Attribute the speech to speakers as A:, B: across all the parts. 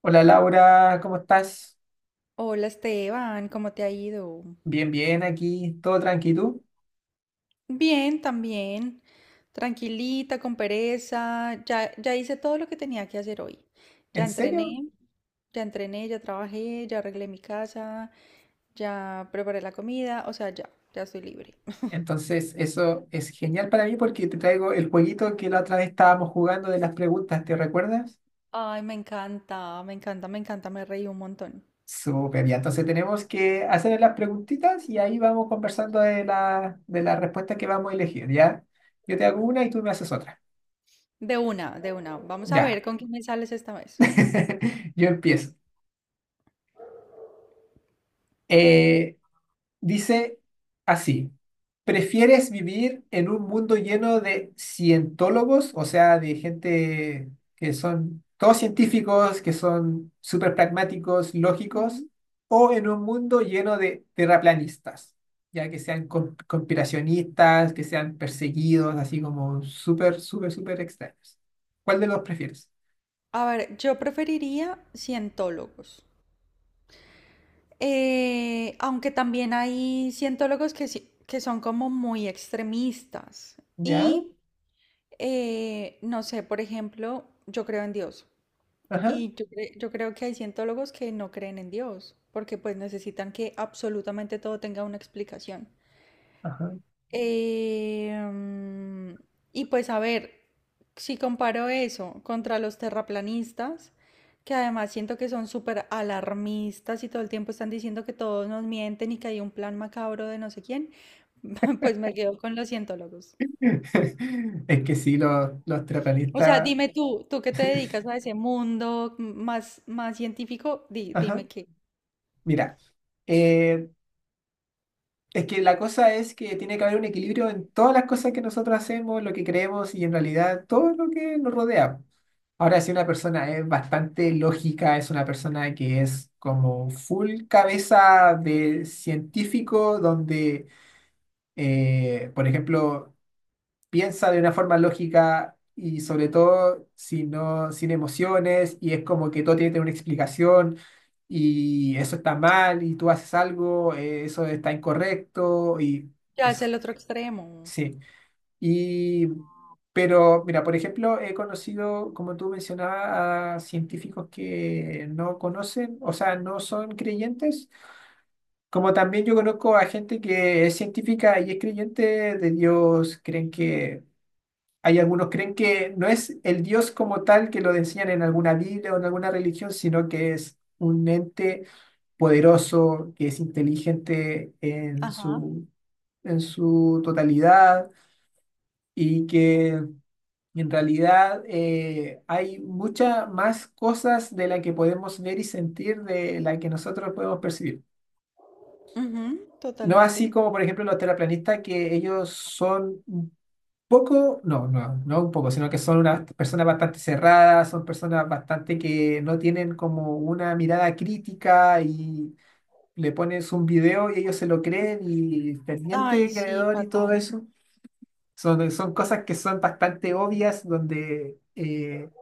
A: Hola Laura, ¿cómo estás?
B: Hola Esteban, ¿cómo te ha ido?
A: Bien, bien, aquí, todo tranquilo.
B: Bien, también. Tranquilita, con pereza. Ya hice todo lo que tenía que hacer hoy. Ya
A: ¿En serio?
B: entrené, ya entrené, ya trabajé, ya arreglé mi casa, ya preparé la comida, o sea, ya, ya estoy libre.
A: Entonces, eso es genial para mí porque te traigo el jueguito que la otra vez estábamos jugando de las preguntas, ¿te recuerdas?
B: Ay, me encanta, me encanta, me encanta, me reí un montón.
A: Súper bien, entonces tenemos que hacer las preguntitas y ahí vamos conversando de la respuesta que vamos a elegir, ¿ya? Yo te hago una y tú me haces otra.
B: De una, de una. Vamos a
A: Ya.
B: ver con quién me sales esta vez.
A: Yo empiezo. Eh, Dice así, ¿prefieres vivir en un mundo lleno de cientólogos, o sea, de gente que son todos científicos, que son súper pragmáticos, lógicos, o en un mundo lleno de terraplanistas, ya que sean conspiracionistas, que sean perseguidos, así como súper, súper, súper extraños? ¿Cuál de los prefieres?
B: A ver, yo preferiría cientólogos. Aunque también hay cientólogos que son como muy extremistas.
A: ¿Ya?
B: Y no sé, por ejemplo, yo creo en Dios.
A: Ajá,
B: Y yo creo que hay cientólogos que no creen en Dios, porque pues necesitan que absolutamente todo tenga una explicación.
A: ajá.
B: Eh, mm, y pues a ver, si comparo eso contra los terraplanistas, que además siento que son súper alarmistas y todo el tiempo están diciendo que todos nos mienten y que hay un plan macabro de no sé quién, pues me quedo con los cientólogos.
A: Es que sí, los
B: O sea,
A: terraplanistas.
B: dime tú, tú que te dedicas a ese mundo más científico,
A: Ajá.
B: dime qué,
A: Mira, eh, es que la cosa es que tiene que haber un equilibrio en todas las cosas que nosotros hacemos, lo que creemos y en realidad todo lo que nos rodea. Ahora, si una persona es bastante lógica, es una persona que es como full cabeza de científico, donde, por ejemplo, piensa de una forma lógica y sobre todo sin, no, sin emociones y es como que todo tiene que tener una explicación y eso está mal y tú haces algo, eso está incorrecto y
B: qué hace
A: eso,
B: el otro extremo.
A: sí. Y, pero mira, por ejemplo, he conocido, como tú mencionabas, a científicos que no conocen, o sea, no son creyentes. Como también yo conozco a gente que es científica y es creyente de Dios, creen que hay algunos creen que no es el Dios como tal que lo enseñan en alguna Biblia o en alguna religión, sino que es un ente poderoso, que es inteligente en
B: Ajá,
A: su, en su totalidad y que en realidad hay muchas más cosas de las que podemos ver y sentir de las que nosotros podemos percibir.
B: ujú,
A: No así
B: totalmente.
A: como, por ejemplo, los terraplanistas, que ellos son poco, no, no, no un poco, sino que son unas personas bastante cerradas, son personas bastante que no tienen como una mirada crítica y le pones un video y ellos se lo creen y
B: Ay,
A: pendiente,
B: sí,
A: creador y todo
B: fatal.
A: eso. Son cosas que son bastante obvias donde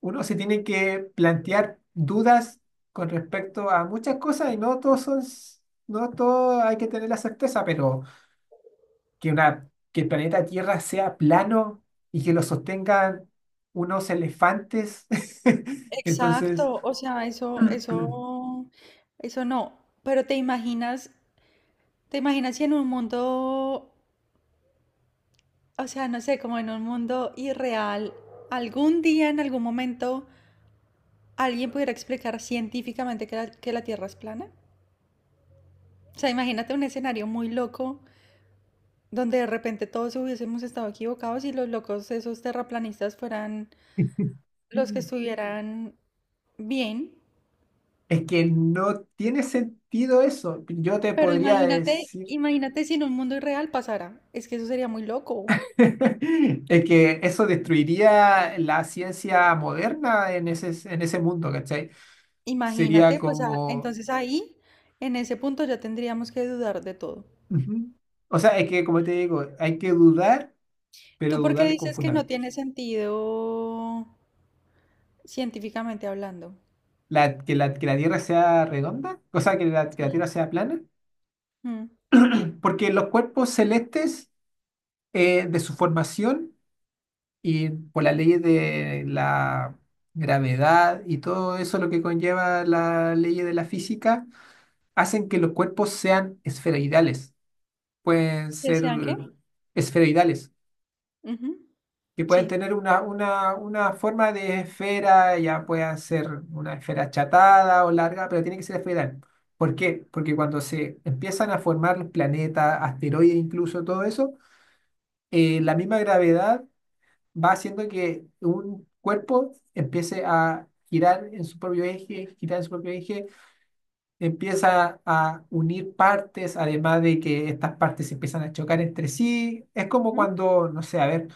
A: uno se tiene que plantear dudas con respecto a muchas cosas y no todos son, no todo hay que tener la certeza, pero que, una, que el planeta Tierra sea plano y que lo sostengan unos elefantes. Entonces,
B: Exacto, o sea, eso no. Pero te imaginas si en un mundo, o sea, no sé, como en un mundo irreal, algún día, en algún momento, alguien pudiera explicar científicamente que la Tierra es plana. O sea, imagínate un escenario muy loco donde de repente todos hubiésemos estado equivocados y los locos, esos terraplanistas, fueran los que estuvieran bien.
A: es que no tiene sentido eso. Yo te
B: Pero
A: podría
B: imagínate,
A: decir
B: imagínate si en un mundo irreal pasara. Es que eso sería muy loco.
A: es que eso destruiría la ciencia moderna en ese mundo, ¿cachai? Sería
B: Imagínate, pues ah,
A: como...
B: entonces ahí, en ese punto ya tendríamos que dudar de todo.
A: ujú. O sea, es que, como te digo, hay que dudar, pero
B: ¿Tú por qué
A: dudar con
B: dices que no
A: fundamento.
B: tiene sentido científicamente hablando?
A: Que la Tierra sea redonda, o sea, que la
B: Sí.
A: Tierra sea plana,
B: Mm.
A: porque los cuerpos celestes de su formación y por las leyes de la gravedad y todo eso lo que conlleva la ley de la física, hacen que los cuerpos sean esferoidales, pueden
B: ¿Que
A: ser
B: sean qué?
A: esferoidales.
B: Ujú,
A: Que pueden
B: sí.
A: tener una forma de esfera, ya puedan ser una esfera achatada o larga, pero tiene que ser esferal. ¿Por qué? Porque cuando se empiezan a formar los planetas, asteroides, incluso todo eso, la misma gravedad va haciendo que un cuerpo empiece a girar en su propio eje, empieza a unir partes, además de que estas partes se empiezan a chocar entre sí. Es como
B: Ujú,
A: cuando, no sé, a ver.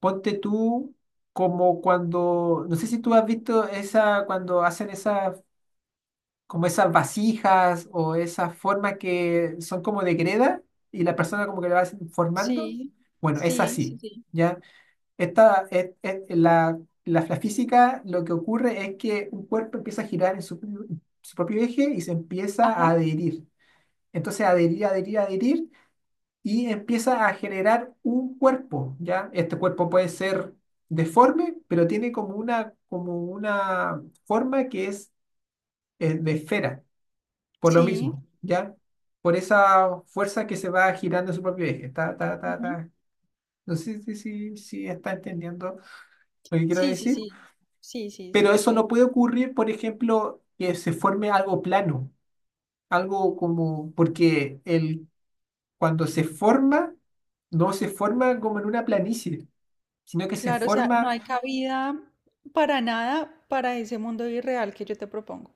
A: Ponte tú como cuando, no sé si tú has visto esa, cuando hacen esas, como esas vasijas o esas formas que son como de greda y la persona como que la va formando.
B: sí.
A: Bueno, es
B: Sí. Sí,
A: así,
B: sí.
A: ¿ya? Esta, es- la física lo que ocurre es que un cuerpo empieza a girar en su propio eje y se empieza a
B: Ajá.
A: adherir. Entonces, adherir, adherir, adherir y empieza a generar un cuerpo, ¿ya? Este cuerpo puede ser deforme, pero tiene como una forma que es de esfera, por lo
B: Sí.
A: mismo, ¿ya? Por esa fuerza que se va girando en su propio eje. Ta, ta, ta,
B: Ujú.
A: ta. No sé si está entendiendo lo que quiero
B: Sí, sí,
A: decir,
B: sí. Sí, sí, sí,
A: pero
B: te
A: eso
B: estoy
A: no puede ocurrir, por ejemplo, que se forme algo plano, algo como, porque el, cuando se forma, no se forma como en una planicie, sino que se
B: claro, o sea, no
A: forma,
B: hay cabida para nada para ese mundo irreal que yo te propongo.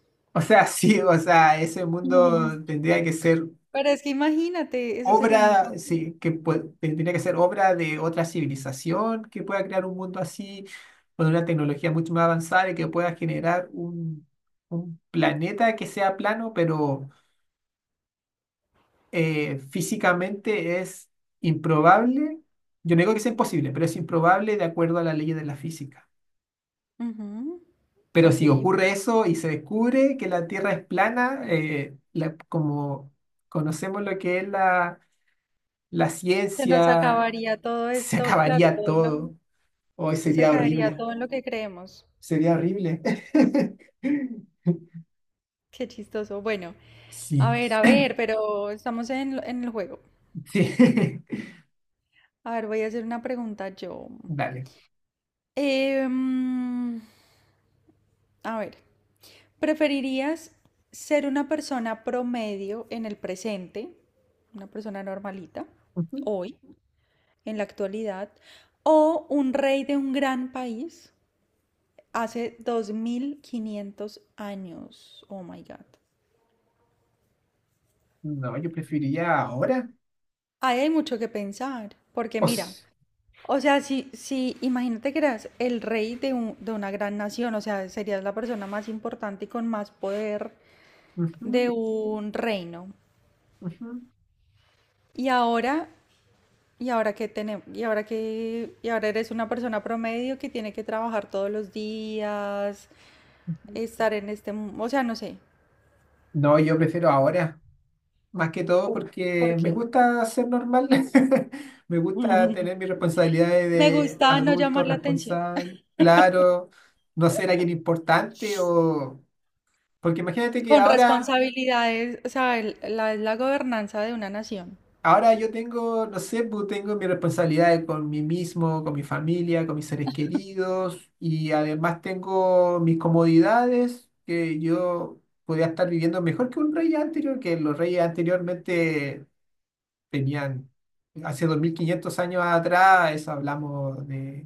A: o sea, sí, o sea, ese mundo
B: Ujú.
A: tendría que ser
B: Pero es que imagínate, eso sería muy
A: obra,
B: loco.
A: sí, tendría que ser obra de otra civilización que pueda crear un mundo así, con una tecnología mucho más avanzada y que pueda generar un planeta que sea plano, pero físicamente es improbable. Yo no digo que sea imposible, pero es improbable de acuerdo a las leyes de la física.
B: Ujú,
A: Pero
B: ok,
A: si
B: se
A: ocurre eso y se descubre que la Tierra es plana, como conocemos lo que es la
B: nos
A: ciencia,
B: acabaría todo
A: se
B: esto, claro,
A: acabaría
B: todo lo-
A: todo. Hoy
B: se
A: sería
B: caería
A: horrible.
B: todo en lo que creemos.
A: Sería horrible.
B: Qué chistoso. Bueno,
A: Sí,
B: a ver, pero estamos en el juego.
A: sí.
B: A ver, voy a hacer una pregunta yo.
A: Dale.
B: Em, a ver. ¿Preferirías ser una persona promedio en el presente, una persona normalita,
A: Ujú.
B: hoy, en la actualidad, o un rey de un gran país hace 2500 años? Oh my God.
A: No, yo preferiría ahora.
B: Ahí hay mucho que pensar, porque
A: O
B: mira,
A: s-
B: o sea, si imagínate que eras el rey de una gran nación, o sea, serías la persona más importante y con más poder de
A: ujú,
B: un reino.
A: ujú,
B: Y ahora y ahora que tenemos, y ahora que, y ahora eres una persona promedio que tiene que trabajar todos los días,
A: ujú.
B: estar en este, mu- o sea, no sé.
A: No, yo prefiero ahora. Más que todo
B: ¿Por, por
A: porque me
B: qué?
A: gusta ser normal, me gusta tener mis responsabilidades
B: Me
A: de
B: gusta no
A: adulto
B: llamar la atención.
A: responsable, claro, no ser alguien importante o... Porque imagínate que
B: Con
A: ahora,
B: responsabilidades, o sea, la gobernanza de una nación.
A: ahora yo tengo, no sé, pues, tengo mis responsabilidades con mí mismo, con mi familia, con mis seres queridos y además tengo mis comodidades que yo podía estar viviendo mejor que un rey anterior, que los reyes anteriormente tenían hace 2.500 años atrás, eso hablamos de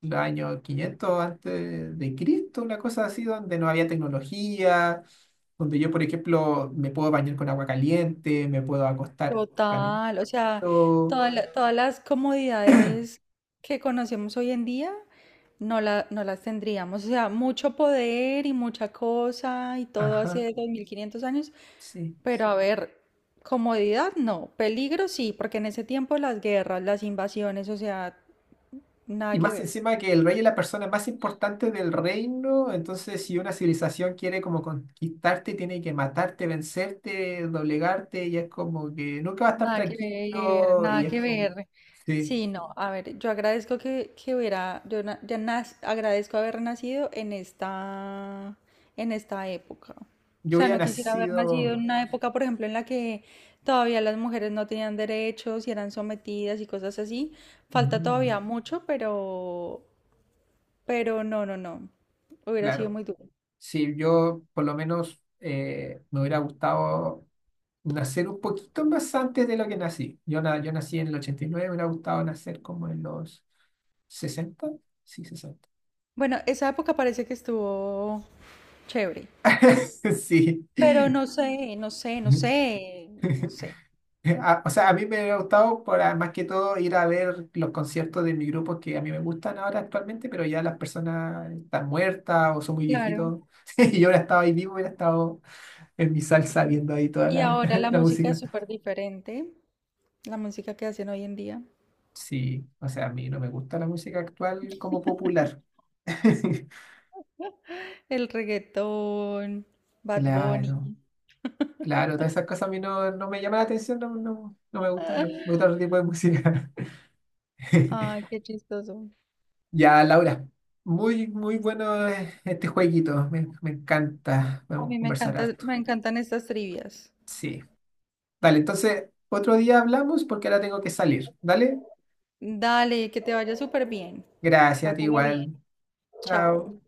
A: los años 500 antes de Cristo, una cosa así, donde no había tecnología, donde yo, por ejemplo, me puedo bañar con agua caliente, me puedo acostar
B: Total, o sea,
A: calentito.
B: toda todas las comodidades que conocemos hoy en día no, la, no las tendríamos. O sea, mucho poder y mucha cosa y todo
A: Ajá,
B: hace 2500 años
A: sí.
B: pero a ver, comodidad no, peligro sí, porque en ese tiempo las guerras, las invasiones, o sea, nada
A: Y
B: que
A: más
B: ver.
A: encima que el rey es la persona más importante del reino, entonces si una civilización quiere como conquistarte, tiene que matarte, vencerte, doblegarte, y es como que nunca va a estar
B: Nada que ver,
A: tranquilo, y
B: nada
A: es
B: que
A: como,
B: ver.
A: sí,
B: Sí, no, a ver, yo agradezco que hubiera, yo na- ya nas- agradezco haber nacido en esta época. O
A: yo
B: sea,
A: hubiera
B: no quisiera haber nacido en
A: nacido.
B: una época, por ejemplo, en la que todavía las mujeres no tenían derechos y eran sometidas y cosas así. Falta
A: Mm,
B: todavía mucho, pero no, no, no. Hubiera sido
A: claro,
B: muy duro.
A: sí, yo por lo menos me hubiera gustado nacer un poquito más antes de lo que nací. Yo nací en el ochenta y nueve. Me hubiera gustado nacer como en los sesenta. Sí, sesenta.
B: Bueno, esa época parece que estuvo chévere.
A: Sí.
B: Pero no sé, no sé, no sé, no sé.
A: O sea, a mí me ha gustado por, más que todo ir a ver los conciertos de mi grupo que a mí me gustan ahora actualmente, pero ya las personas están muertas o son muy
B: Claro.
A: viejitos. Y yo hubiera estado ahí vivo, hubiera estado en mi salsa viendo ahí toda
B: Y
A: la,
B: ahora la
A: la
B: música es
A: música.
B: súper diferente. La música que hacen hoy en día.
A: Sí, o sea, a mí no me gusta la música actual como popular.
B: El reggaetón, Bad
A: Claro,
B: Bunny.
A: claro, todas esas cosas a mí no, no me llaman la atención, no, no, no me gustan, me gusta otro tipo de música.
B: Ah, ay, qué chistoso.
A: Ya, Laura, muy, muy bueno este jueguito, me encanta,
B: A
A: vamos a
B: mí me
A: conversar
B: encanta,
A: harto.
B: me encantan estas trivias.
A: Sí, dale, entonces otro día hablamos porque ahora tengo que salir, ¿dale?
B: Dale, que te vaya súper bien.
A: Gracias a ti
B: Pásala bien.
A: igual,
B: Chao.
A: chao.